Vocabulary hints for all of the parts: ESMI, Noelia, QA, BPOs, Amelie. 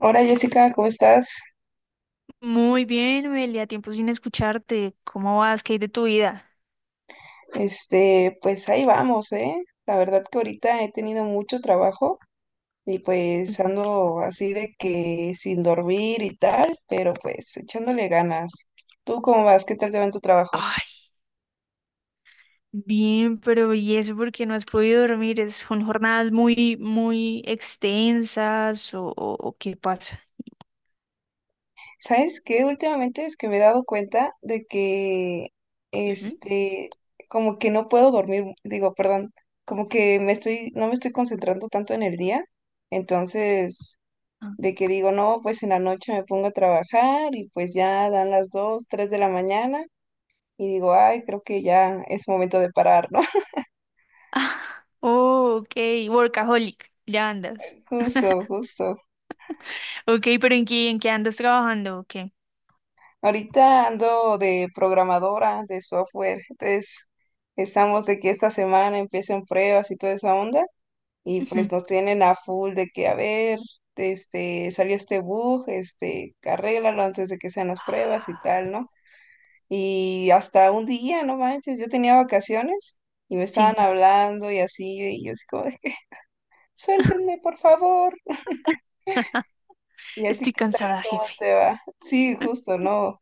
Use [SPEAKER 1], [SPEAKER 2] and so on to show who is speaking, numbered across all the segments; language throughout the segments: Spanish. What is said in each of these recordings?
[SPEAKER 1] Hola Jessica, ¿cómo estás?
[SPEAKER 2] Muy bien, Noelia, tiempo sin escucharte. ¿Cómo vas? ¿Qué hay de tu vida?
[SPEAKER 1] Pues ahí vamos, ¿eh? La verdad que ahorita he tenido mucho trabajo y pues
[SPEAKER 2] Ujú.
[SPEAKER 1] ando así de que sin dormir y tal, pero pues echándole ganas. ¿Tú cómo vas? ¿Qué tal te va en tu trabajo?
[SPEAKER 2] Ay, bien, pero ¿y eso porque no has podido dormir? ¿Son jornadas muy, muy extensas o qué pasa?
[SPEAKER 1] ¿Sabes qué? Últimamente es que me he dado cuenta de que,
[SPEAKER 2] Ujú.
[SPEAKER 1] este, como que no puedo dormir, digo, perdón, como que me estoy, no me estoy concentrando tanto en el día, entonces
[SPEAKER 2] Ah.
[SPEAKER 1] de que digo, no, pues en la noche me pongo a trabajar y pues ya dan las 2 3 de la mañana y digo, ay, creo que ya es momento de parar, ¿no?
[SPEAKER 2] Oh, ok, workaholic, ya andas.
[SPEAKER 1] Justo, justo.
[SPEAKER 2] Ok, pero ¿en qué andas trabajando? ¿O qué?
[SPEAKER 1] Ahorita ando de programadora de software, entonces estamos de que esta semana empiecen pruebas y toda esa onda y
[SPEAKER 2] Ujú.
[SPEAKER 1] pues nos tienen a full de que, a ver, salió este bug, arréglalo antes de que sean las pruebas y tal,
[SPEAKER 2] Ah,
[SPEAKER 1] ¿no? Y hasta un día, no manches, yo tenía vacaciones y me estaban
[SPEAKER 2] sí,
[SPEAKER 1] hablando y así, y yo así como de que, suéltenme, por favor. ¿Y a ti
[SPEAKER 2] estoy
[SPEAKER 1] qué tal?
[SPEAKER 2] cansada,
[SPEAKER 1] ¿Cómo
[SPEAKER 2] jefe.
[SPEAKER 1] te va? Sí, justo, no.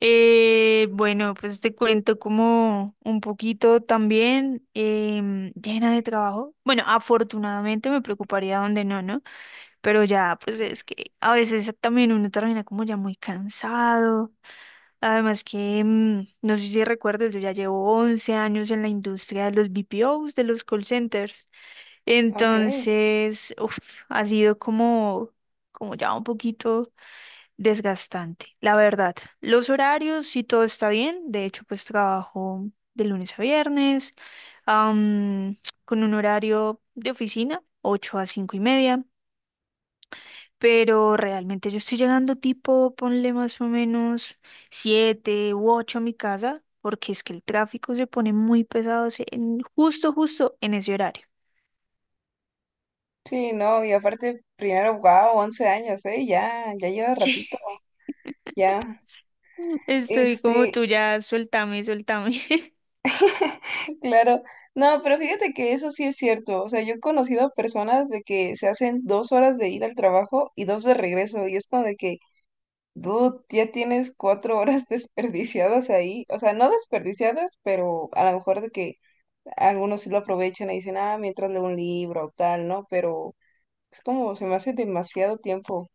[SPEAKER 2] Bueno, pues te cuento como un poquito también, llena de trabajo. Bueno, afortunadamente me preocuparía donde no, ¿no? Pero ya, pues es que a veces también uno termina como ya muy cansado. Además que, no sé si recuerdas, yo ya llevo 11 años en la industria de los BPOs, de los call centers.
[SPEAKER 1] Ok.
[SPEAKER 2] Entonces, uf, ha sido como ya un poquito desgastante, la verdad. Los horarios, sí, todo está bien. De hecho, pues trabajo de lunes a viernes, am, con un horario de oficina, 8:00 a 5:30. Pero realmente yo estoy llegando tipo, ponle más o menos 7:00 u 8:00 a mi casa, porque es que el tráfico se pone muy pesado en, justo, justo en ese horario.
[SPEAKER 1] Sí, no, y aparte, primero, wow, 11 años, ¿eh? Ya, ya lleva
[SPEAKER 2] Sí.
[SPEAKER 1] ratito, ya.
[SPEAKER 2] Estoy como
[SPEAKER 1] Este,
[SPEAKER 2] tú, ya suéltame, suéltame.
[SPEAKER 1] claro. No, pero fíjate que eso sí es cierto. O sea, yo he conocido personas de que se hacen 2 horas de ida al trabajo y dos de regreso, y es como de que dude, ya tienes 4 horas desperdiciadas ahí. O sea, no desperdiciadas, pero a lo mejor de que algunos sí lo aprovechan y dicen, ah, mientras leo un libro o tal, ¿no? Pero es como, se me hace demasiado tiempo.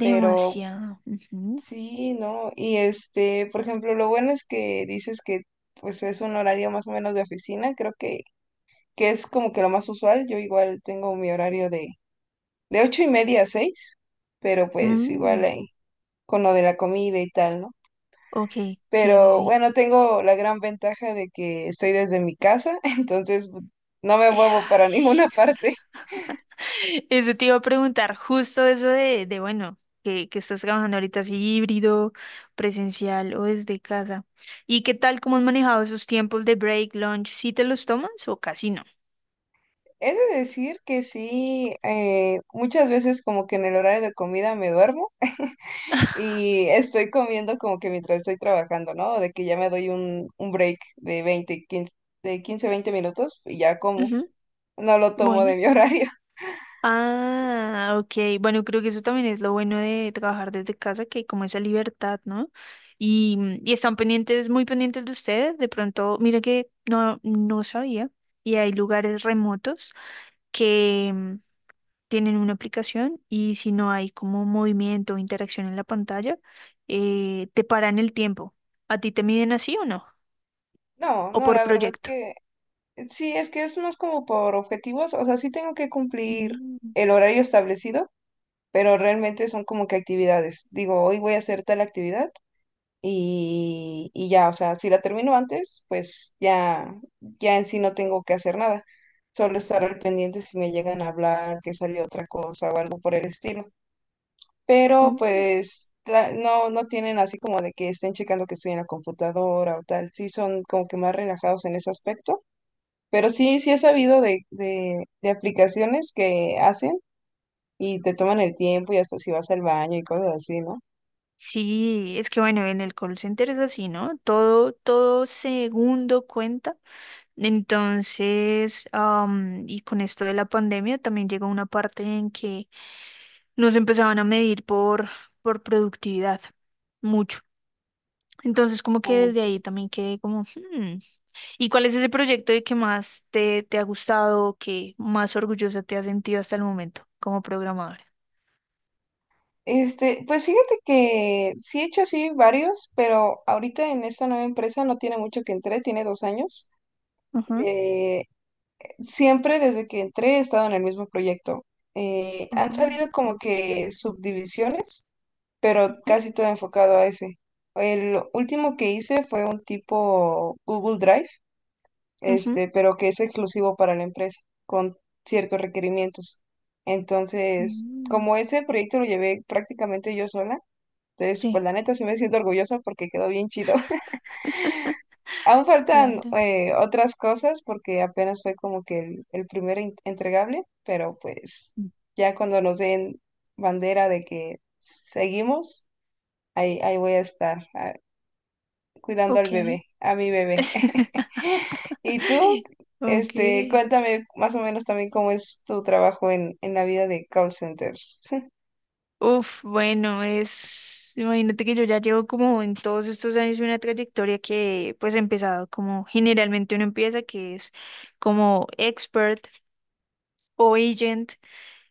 [SPEAKER 1] Pero
[SPEAKER 2] Ujú.
[SPEAKER 1] sí, ¿no? Y por ejemplo, lo bueno es que dices que pues es un horario más o menos de oficina. Creo que es como que lo más usual. Yo igual tengo mi horario de, ocho y media a seis, pero pues igual
[SPEAKER 2] Mm.
[SPEAKER 1] ahí, con lo de la comida y tal, ¿no?
[SPEAKER 2] Ok, sí, sí,
[SPEAKER 1] Pero
[SPEAKER 2] sí.
[SPEAKER 1] bueno, tengo la gran ventaja de que estoy desde mi casa, entonces pues, no me muevo para
[SPEAKER 2] Ay,
[SPEAKER 1] ninguna parte.
[SPEAKER 2] eso te iba a preguntar, justo eso de bueno, que estás trabajando ahorita así híbrido, presencial o desde casa. ¿Y qué tal, cómo has manejado esos tiempos de break, lunch? ¿Sí te los tomas o casi no?
[SPEAKER 1] He de decir que sí, muchas veces como que en el horario de comida me duermo y estoy comiendo como que mientras estoy trabajando, ¿no? De que ya me doy un, break de 15 20 minutos y ya como.
[SPEAKER 2] Ujú.
[SPEAKER 1] No lo tomo
[SPEAKER 2] Bueno.
[SPEAKER 1] de mi horario.
[SPEAKER 2] Ah, ok. Bueno, creo que eso también es lo bueno de trabajar desde casa, que hay como esa libertad, ¿no? Y están pendientes, muy pendientes de ustedes. De pronto, mira que no sabía. Y hay lugares remotos que, tienen una aplicación, y si no hay como movimiento o interacción en la pantalla, te paran el tiempo. ¿A ti te miden así o no?
[SPEAKER 1] No,
[SPEAKER 2] ¿O
[SPEAKER 1] no,
[SPEAKER 2] por
[SPEAKER 1] la verdad
[SPEAKER 2] proyecto?
[SPEAKER 1] que sí, es que es más como por objetivos, o sea, sí tengo que cumplir
[SPEAKER 2] Mm.
[SPEAKER 1] el horario establecido pero realmente son como que actividades. Digo, hoy voy a hacer tal actividad y ya, o sea, si la termino antes, pues ya, ya en sí no tengo que hacer nada. Solo estar al pendiente si me llegan a hablar, que salió otra cosa o algo por el estilo. Pero
[SPEAKER 2] Mm.
[SPEAKER 1] pues no, no tienen así como de que estén checando que estoy en la computadora o tal. Sí son como que más relajados en ese aspecto. Pero sí, sí he sabido de, aplicaciones que hacen y te toman el tiempo y hasta si vas al baño y cosas así, ¿no?
[SPEAKER 2] Sí, es que bueno, en el call center es así, ¿no? Todo segundo cuenta. Entonces, y con esto de la pandemia también llegó una parte en que nos empezaban a medir por productividad, mucho. Entonces, como que
[SPEAKER 1] Ok.
[SPEAKER 2] desde ahí también quedé como, "Hmm, ¿y cuál es ese proyecto de que más te ha gustado o que más orgullosa te has sentido hasta el momento como programadora?"
[SPEAKER 1] Pues fíjate que sí he hecho así varios, pero ahorita en esta nueva empresa no tiene mucho que entré, tiene 2 años.
[SPEAKER 2] Ujú.
[SPEAKER 1] Eh, siempre desde que entré he estado en el mismo proyecto. Han
[SPEAKER 2] Oh,
[SPEAKER 1] salido como que subdivisiones, pero
[SPEAKER 2] ujú.
[SPEAKER 1] casi todo enfocado a ese. El último que hice fue un tipo Google Drive,
[SPEAKER 2] Ujú.
[SPEAKER 1] pero que es exclusivo para la empresa, con ciertos requerimientos. Entonces,
[SPEAKER 2] Mm,
[SPEAKER 1] como ese proyecto lo llevé prácticamente yo sola, entonces, pues
[SPEAKER 2] sí.
[SPEAKER 1] la neta sí me siento orgullosa porque quedó bien chido. Aún faltan
[SPEAKER 2] Claro.
[SPEAKER 1] otras cosas porque apenas fue como que el primer entregable, pero pues
[SPEAKER 2] Mm.
[SPEAKER 1] ya cuando nos den bandera de que seguimos, ahí, ahí voy a estar ah, cuidando al
[SPEAKER 2] Ok.
[SPEAKER 1] bebé, a mi bebé. Y tú,
[SPEAKER 2] Ok.
[SPEAKER 1] cuéntame más o menos también cómo es tu trabajo en, la vida de call centers.
[SPEAKER 2] Uf, bueno, imagínate que yo ya llevo como en todos estos años una trayectoria que pues he empezado como generalmente uno empieza, que es como expert o agent.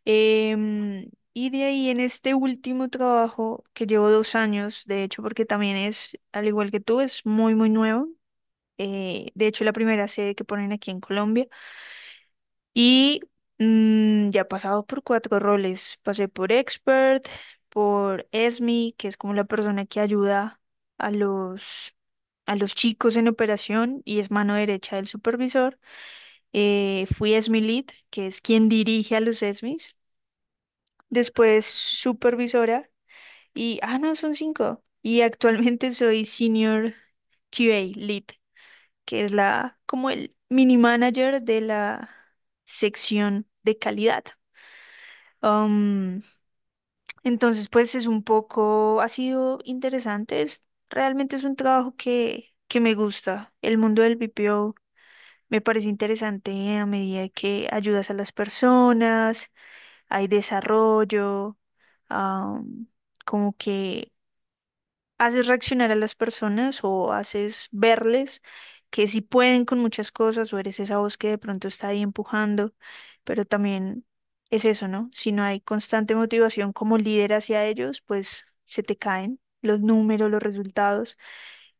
[SPEAKER 2] Y de ahí en este último trabajo que llevo 2 años, de hecho, porque también es, al igual que tú, es muy, muy nuevo. De hecho, la primera sede que ponen aquí en Colombia. Y, ya he pasado por cuatro roles. Pasé por expert, por ESMI, que es como la persona que ayuda a los, a los chicos en operación y es mano derecha del supervisor. Fui ESMI lead, que es quien dirige a los ESMIs. Después supervisora y, no, son cinco. Y actualmente soy senior QA lead, que es como el mini manager de la sección de calidad. Am, entonces, pues es un poco, ha sido interesante, realmente es un trabajo que me gusta. El mundo del B P O me parece interesante a medida que ayudas a las personas, hay desarrollo, am, como que haces reaccionar a las personas o haces verles que sí pueden con muchas cosas, o eres esa voz que de pronto está ahí empujando, pero también es eso, ¿no? Si no hay constante motivación como líder hacia ellos, pues se te caen los números, los resultados,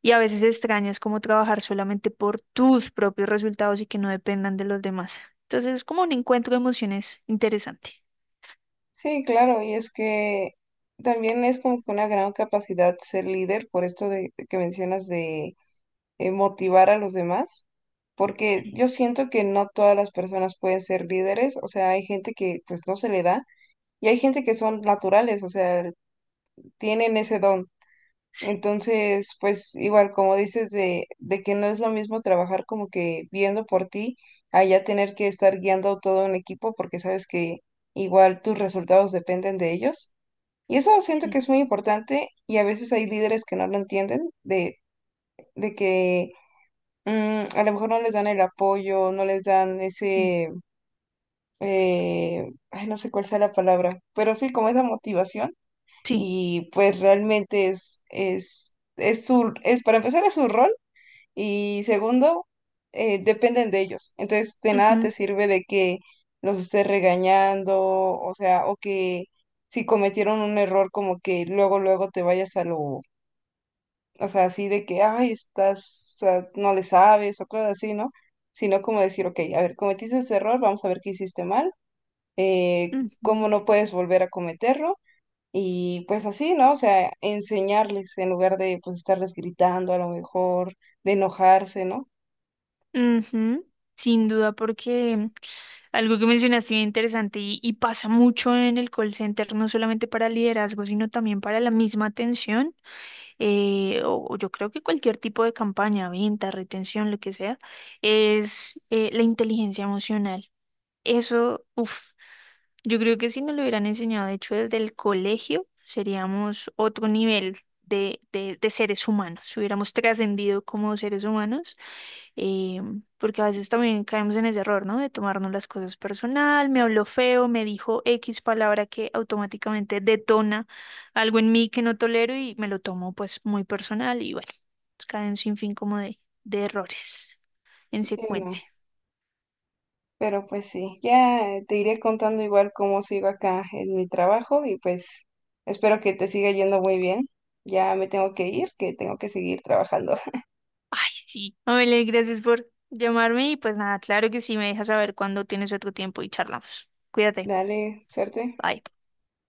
[SPEAKER 2] y a veces extrañas cómo trabajar solamente por tus propios resultados y que no dependan de los demás. Entonces es como un encuentro de emociones interesante.
[SPEAKER 1] Sí, claro, y es que también es como que una gran capacidad ser líder por esto de que mencionas de motivar a los demás, porque
[SPEAKER 2] Sí,
[SPEAKER 1] yo siento que no todas las personas pueden ser líderes, o sea, hay gente que pues no se le da y hay gente que son naturales, o sea, tienen ese don.
[SPEAKER 2] sí,
[SPEAKER 1] Entonces, pues igual como dices de, que no es lo mismo trabajar como que viendo por ti, a ya tener que estar guiando todo un equipo porque sabes que igual tus resultados dependen de ellos. Y eso siento que
[SPEAKER 2] sí.
[SPEAKER 1] es muy importante y a veces hay líderes que no lo entienden, de, que a lo mejor no les dan el apoyo, no les dan
[SPEAKER 2] Mm.
[SPEAKER 1] ese, ay, no sé cuál sea la palabra, pero sí como esa motivación
[SPEAKER 2] Sí.
[SPEAKER 1] y pues realmente para empezar es su rol y segundo, dependen de ellos. Entonces, de nada
[SPEAKER 2] Ujú,
[SPEAKER 1] te sirve de que los estés regañando, o sea, o que si cometieron un error, como que luego, luego te vayas a lo, o sea, así de que, ay, estás, o sea, no le sabes, o cosas así, ¿no? Sino como decir, ok, a ver, cometiste ese error, vamos a ver qué hiciste mal, cómo
[SPEAKER 2] ujú.
[SPEAKER 1] no puedes volver a cometerlo. Y pues así, ¿no? O sea, enseñarles en lugar de pues estarles gritando a lo mejor, de enojarse, ¿no?
[SPEAKER 2] Ujú, sin duda, porque algo que mencionaste bien interesante, y pasa mucho en el call center, no solamente para liderazgo, sino también para la misma atención, o yo creo que cualquier tipo de campaña, venta, retención, lo que sea, es la inteligencia emocional. Eso, uff, yo creo que si nos lo hubieran enseñado, de hecho, desde el colegio, seríamos otro nivel de seres humanos, hubiéramos trascendido como seres humanos, eh, porque a veces también caemos en ese error, ¿no? De tomarnos las cosas personal, me habló feo, me dijo X palabra que automáticamente detona algo en mí que no tolero y me lo tomo pues muy personal, y bueno, pues, cae un sinfín como de errores en
[SPEAKER 1] Sí, no.
[SPEAKER 2] secuencia.
[SPEAKER 1] Pero pues sí, ya te iré contando igual cómo sigo acá en mi trabajo y pues espero que te siga yendo muy bien. Ya me tengo que ir, que tengo que seguir trabajando.
[SPEAKER 2] Ay, sí, Amelie, gracias por llamarme y pues nada, claro que sí, me dejas saber cuando tienes otro tiempo y charlamos. Cuídate,
[SPEAKER 1] Dale, suerte.
[SPEAKER 2] bye.